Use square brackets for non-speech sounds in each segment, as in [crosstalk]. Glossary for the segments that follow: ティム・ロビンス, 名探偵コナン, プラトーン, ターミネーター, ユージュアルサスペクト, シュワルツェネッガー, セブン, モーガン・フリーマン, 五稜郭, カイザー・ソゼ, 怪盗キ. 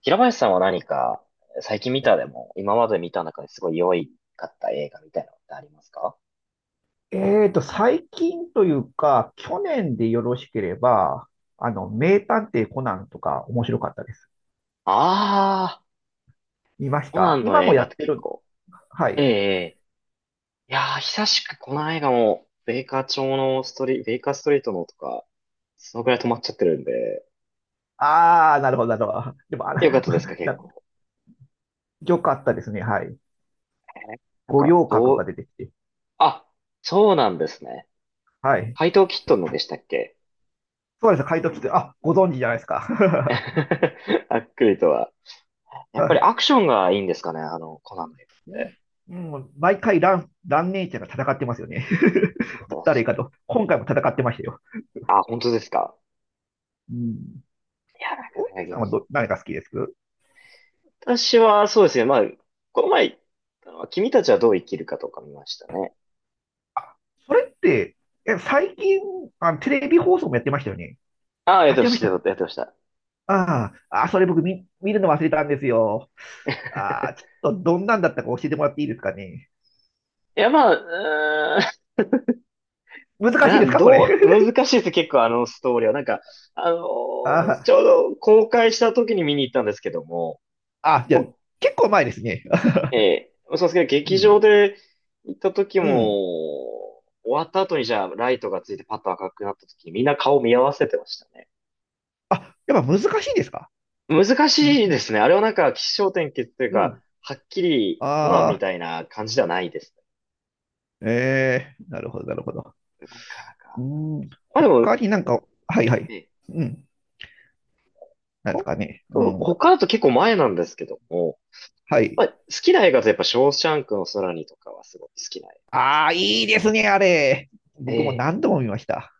平林さんは何か、最近見たでも、今まで見た中ですごい良いかった映画みたいなのってありますか？最近というか、去年でよろしければ、名探偵コナンとか面白かったです。あ見ましコナたンの今も映や画っってて結る。構。はええ、い。ええ。久しくこの映画も、ベイカーストリートのとか、そのぐらい止まっちゃってるんで。あー、なるほど、なるほど。でも、あら、よかったですか、[laughs] 結な、構。よかったですね。はい。えーなん五か、稜郭どがう。出てきて。あ、そうなんですね。はい。怪盗キットンのでしたっけ？ そうです。怪盗キて、あ、ご存知じゃないですか。[laughs] あっくりとは。やっ [laughs] ぱはりい。アクションがいいんですかね、あの、コナンの映う画って。んうん、毎回ラン、ランネちゃんが戦ってますよね。なんか。 [laughs] 誰かと。今回も戦ってましたよ。あ、本当ですか。うん。いや、なかオーなかケーさん現は実。ど、何が好きです？私は、そうですね。まあ、この前言ったのは、君たちはどう生きるかとか見ましたね。それって、え、最近、あ、テレビ放送もやってましたよね。ああ、やっあ、てま違いましした、たっやけ？ってました。ああ、あ、それ僕見、見るの忘れたんですよ。ああ、ち [laughs] ょっとどんなんだったか教えてもらっていいですかね。いや、まあ、うーん、難しいな、ですか、これ。どう、難 [laughs] しいです、結構あのストーリーは。なんか、あのーあちょうど公開した時に見に行ったんですけども、あ、あ、じゃもあ、う、結構前ですね。[laughs] そうですけど、う劇ん、場で行った時うん。も、終わった後にじゃあ、ライトがついてパッと赤くなった時にみんな顔見合わせてましたね。あ、やっぱ難しいですか？難うん、しいですね。あれはなんか、起承転結といううか、ん。はっきりコナンあみあ、たいな感じではないですね。ええなるほど、なるほど。なかなか。うん、まあでも、他になんか、はいはい。えうん、なんですほかね。うとん、他だと結構前なんですけども、はい。まあ、好きな映画とやっぱ、ショーシャンクの空にとかはすごい好きな映ああ、いいですね、あれ。画。え僕も何え。度も見ました。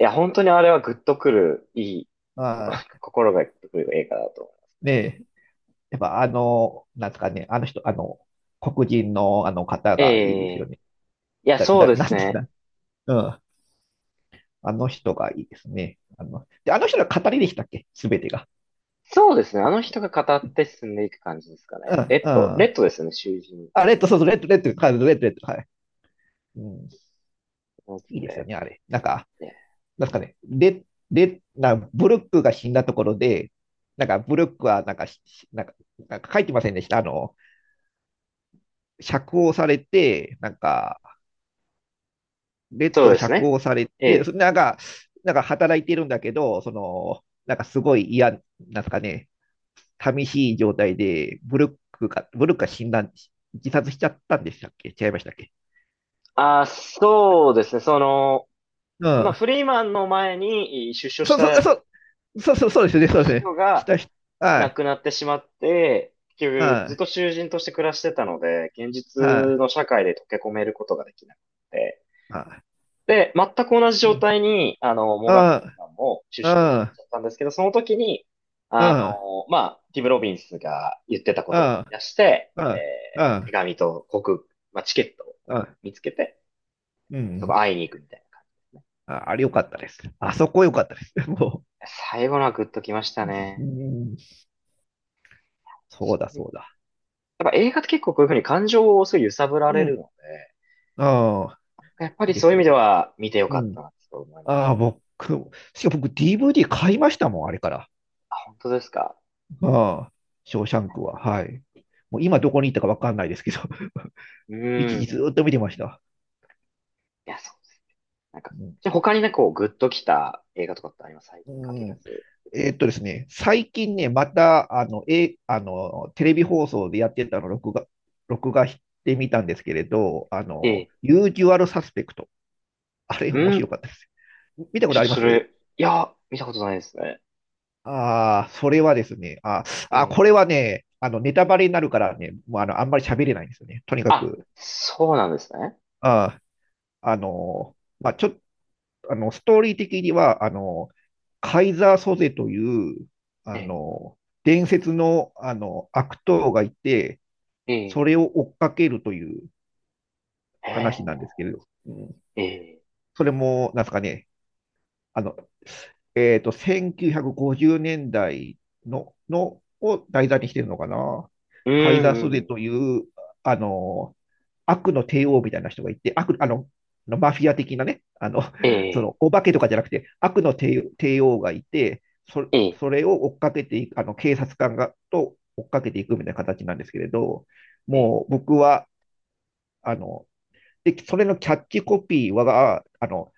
いや、本当にあれはグッとくる、いい、あ [laughs] 心がグッとくる映画だと思いますい。ねね。え、やっぱなんですかね、あの人、黒人のあの方えがいいですよえ。ね。いや、だ、そうだ、でなすんてね。な、うん。あの人がいいですね。で、あの人が語りでしたっけすべてが。そうですね。あの人が語って進んでいく感じですかうね。ん、うレん。ッドですよね、囚人違う。あ、レッド、そうそう、レッド、レッド、カード、レッド、レッド、はい。うん、いいですよね、あれ。なんか、なんですかね、レ、レ、な、ブルックが死んだところで、なんか、ブルックは、なんか、しなんか、なんか書いてませんでした。釈放されて、なんか、ベッそドうがです釈ね。放されえて、そえ。なんか、なんか働いてるんだけど、その、なんかすごい嫌、なんですかね、寂しい状態で、ブルックが、ブルックが死んだ、自殺しちゃったんでしたっけ違いましたっけ？あ、そうですね。その、うまあ、ん。フリーマンの前に出所しそうそう、たそう、そうそう、そうですね、そうですね。人しがたし、は亡い、くなってしまって、結局ずはっと囚人として暮らしてたので、現実い、はの社会で溶け込めることができなくて。い、はで、全く同じい。状うん、態に、あの、モうーガン・フリん、ーマンも出所になっうちん、ゃったんですけど、その時に、うあん、の、まあ、ティム・ロビンスが言ってたこうとを思ん、い出して、うん、う手ん、紙と航空、まあ、チケットをうん。見つけて、うそこん会いに行くみたいな感じですね。ああれ良かったです。あそこ良かったです。も最後のはグッときましたう、うね。ん、そそうだ、ういそううだ。やっぱ映画って結構こういうふうに感情をすごい揺さぶらうれるん。のああ、で、やっぱいいりでそういすう意味よでね。は見てようかったん。なと思います。ああ、僕、しかも僕 DVD 買いましたもん、あれから。あ、本当ですか？ああ、ショーシャンクは。はい。もう今どこに行ったかわかんないですけど、[laughs] う一ー時ん。ずーっと見てました。いや、そうです。なんか、うん。じゃあ他にね、こう、グッときた映画とかってあります？最近限うらんず。ですね、最近ね、また、あの、え、あの、テレビ放送でやってたのを録画、録画してみたんですけれど、ええ。ユージュアルサスペクト。あれ面う白ん。かったです。見たこちとょっあとりまそす？れ、いや、見たことないですね。ああ、それはですね、あえあ、え。これはね、ネタバレになるからね、もうあの、あんまり喋れないんですよね。とにかあ、く、そうなんですね。ああ、まあ、ちょっと、ストーリー的には、カイザー・ソゼという、えあえ。の、伝説の、悪党がいて、えそれえ。を追っかけるという話なんえですけれど、うん、え。ええ。それも、なんですかね、あの、1950年代の、のを題材にしてるのかな。うん、カイザー・うソん、うゼとん。いう、あの、悪の帝王みたいな人がいて、悪、マフィア的なね、え [laughs] そえ。の、お化けとかじゃなくて、悪の帝、帝王がいて、そ、ええ。それを追っかけていく、警察官が、と追っかけていくみたいな形なんですけれど、ええ。もう僕は、あの、で、それのキャッチコピーは、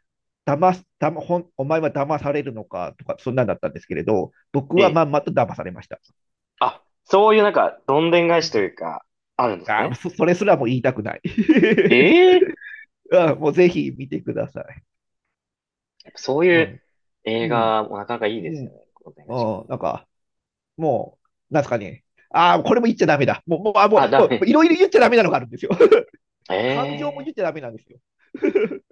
騙す、騙、ほん、お前は騙されるのかとか、そんなんだったんですけれど、僕はええ、まんまと騙されました。あ、そういうなんか、どんでん返しというか、あるんですあーね。そ、それすらも言いたくない。ええ、 [laughs] あーもうぜひ見てください。やっぱそうういうん、映うん、画もなかなかいいうですよね。ん、どんでん返し。うん、なんか、もう、なんすかね。ああ、これも言っちゃダメだ。もう、もう、あ、もう、あ、ダもう、メ。いろいろ言っちゃダメなのがあるんですよ。[laughs] 感情もえ言っちゃダメなんですよ。[laughs]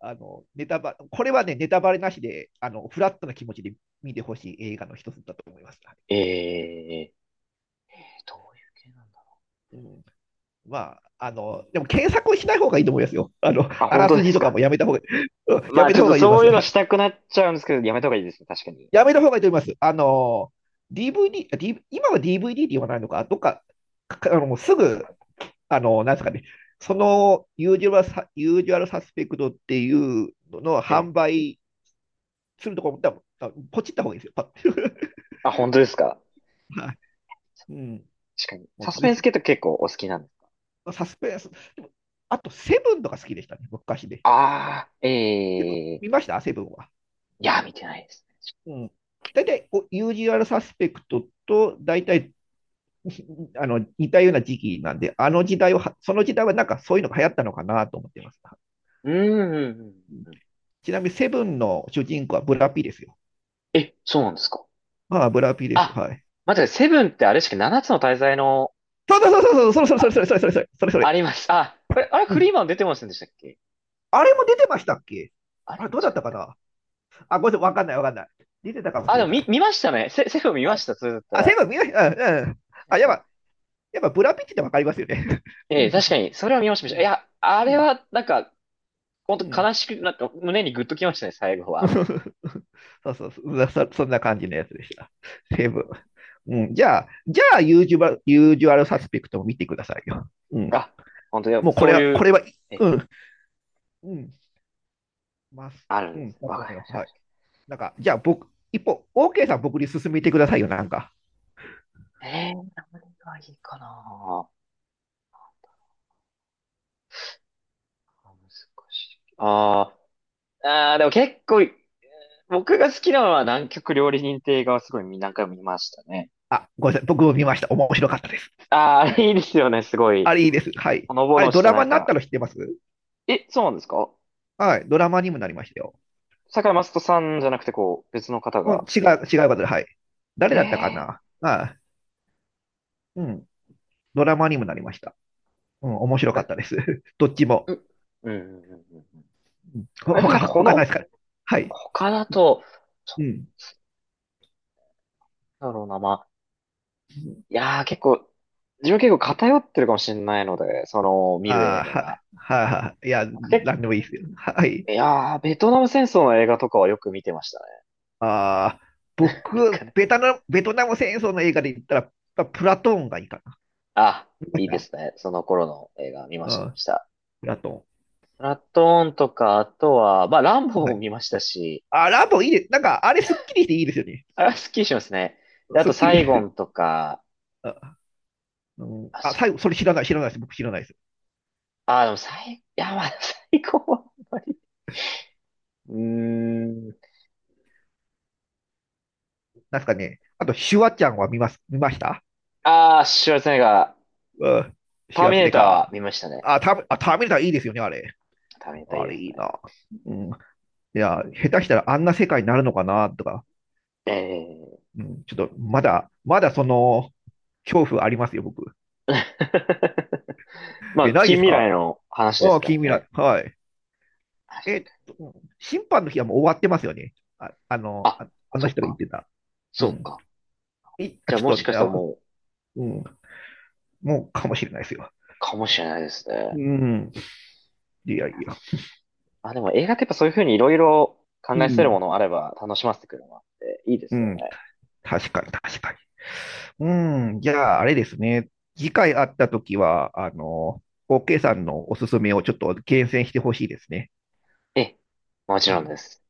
ネタバ、これはね、ネタバレなしで、フラットな気持ちで見てほしい映画の一つだと思います。え、ええ、どういう系なんだ。うん、まあ、でも検索をしない方がいいと思いますよ。あ、あ本ら当すでじすとかか。もやめた方が、うんまやあめちたょっ方とがいいと思そいういうます。のはしい。たくなっちゃうんですけど、やめた方がいいですね。確かに。やめた方がいいと思います。DVD、あディーブイ今は DVD って言わないのか、どっか、かもうすぐ、なんですかね、そのユージュアルサ、ユージュアルサスペクトっていうののええ、販売するところも、多分あポチった方がいいですよ。パッ あ、本当ですか。[laughs] はい。うん。確かに。もサうスぜペンスひ、系って結構お好きなんです？サスペンス。でもあと、セブンとか好きでしたね、昔で。ああ、セブンえ見え。ましたセブンは。いや、見てないですね。うん。大体こう、ユージュアルサスペクトと、大体、[laughs] 似たような時期なんで、あの時代は、その時代はなんかそういうのが流行ったのかなと思ってます。うん、うん、うん。うん。ちなみに、セブンの主人公はブラピですよ。え、そうなんですか。ああ、ブラピです。あ、はい。待ってください、セブンってあれしか7つの大罪の、そうそうそうそう、それそれそれそれそれそれそれそれそあれ。りました。あ、これ、あれ、うフリん。ーマン出てませんでしたっけ？あれも出てましたっけ？あれあ違れ、どうだっったかたっな？け？あ、ごめんなさい、わかんないわかんない。出てたかもあ、しでれもない。見ましたね。セフ見まあ、した。それだったあセら。ブン見ました。うん、うん。見まあ、しやばた。い。やっぱブラピッチってわかりますよね。[laughs] うえん。え、確かに、それは見ました。見ました、いや、あうれんは、なんか、本う当ん。悲しくなって、胸にグッときましたね、最後は。[laughs] そうそうそうそ、そんな感じのやつでした。セブン。うん、じゃあ、じゃあ、ユージュバユージュアルサスペクトも見てくださいよ。うん。あ、本当やっもぱうこそれうは、いこう、れは、え、うん、うん、ます。あるうんでん、すね。だわとかり思いまましす。た。わはい。かりましなんか、じゃあ僕、一方、OK さん僕に進めてくださいよ、なんか。た。ええ、何がいいかな？難しい。あー、あー、でも結構、僕が好きなのは南極料理人亭がすごい何回も見ましたね。あ、ごめんなさい。僕も見ました。面白かったです。ああ、あれいいですよね、すごあい。れいいです。はい。ほのぼあれ、のしドてラなマんになったか、の知ってます？え、そうなんですか？はい。ドラマにもなりましたよ。坂井雅人さんじゃなくてこう、別の方うん、が。違う、違う方で、はい。誰へだったかえ、なまあうん。ドラマにもなりました。うん、面なん白かっか、たです。[laughs] どっちも。う、うん、うん、うん、うん、うん、うんほ、ああいうふうになんか他、ほ他ないですの、から？はい。他だと、うそん。うだろうな、まあ、いやー結構、自分結構偏ってるかもしれないので、その、見るあ映あ、画は、が。は、は、いや、な結んでもいいですよ。はい。構いやー、ベトナム戦争の映画とかはよく見てましたね。ああ、[laughs] な僕、かなか。ベトナム、ベトナム戦争の映画で言ったら、やっぱプラトーンがいいかな。あ、見ましいいでた？すね。その頃の映画見まうした、見まん、した。プラトープラトーンとか、あとは、まあ、ランボン。ーはもい。見ましたし、あ、ラボいいです。なんか、あれ、すっきりしていいですよね。あ、スッキリしますね。であすっと、きサり。イゴン [laughs] とか、あ、うん、あ、あ、そ最後、うでそれ知らす。ない、知らないです。僕知らないです。あ、でも、いや、まあ、[laughs] サイゴンはあんまり。うーん。なんすかね。あと、シュワちゃんは見ます、見ました？シュワルツェネッガー。うん。タシューワミツネーでターはか。見ましたね。あ、ター、あ、ターミネーターいいですよね、あれ。ターミネーターいいあでれすいね。いな。うん。いや、下手したらあんな世界になるのかな、とか。ええ。 うん。ちょっと、まだ、まだその、恐怖ありますよ、僕。[laughs] まえ、あ、ないで近す未か？来の話であすあ、か近ら未ね。来。はい。確かに。うん審判の日はもう終わってますよね。あ、あのそっ人が言っか。てた。うそうん。か。い、あ、じゃあ、ちもょしっかしと、たらあ、もう、うん。もうかもしれないですよ。かもしれないですうね。ん。いやいや。あ、でも映画ってやっぱそういうふうにいろいろ考うえさせるもん。のあれば楽しませてくるのもあって、いいでうすよん。ね。確かに、確かに。うん、じゃあ、あれですね。次回会ったときは、OK さんのおすすめをちょっと厳選してほしいですね。ええ、もちろんです。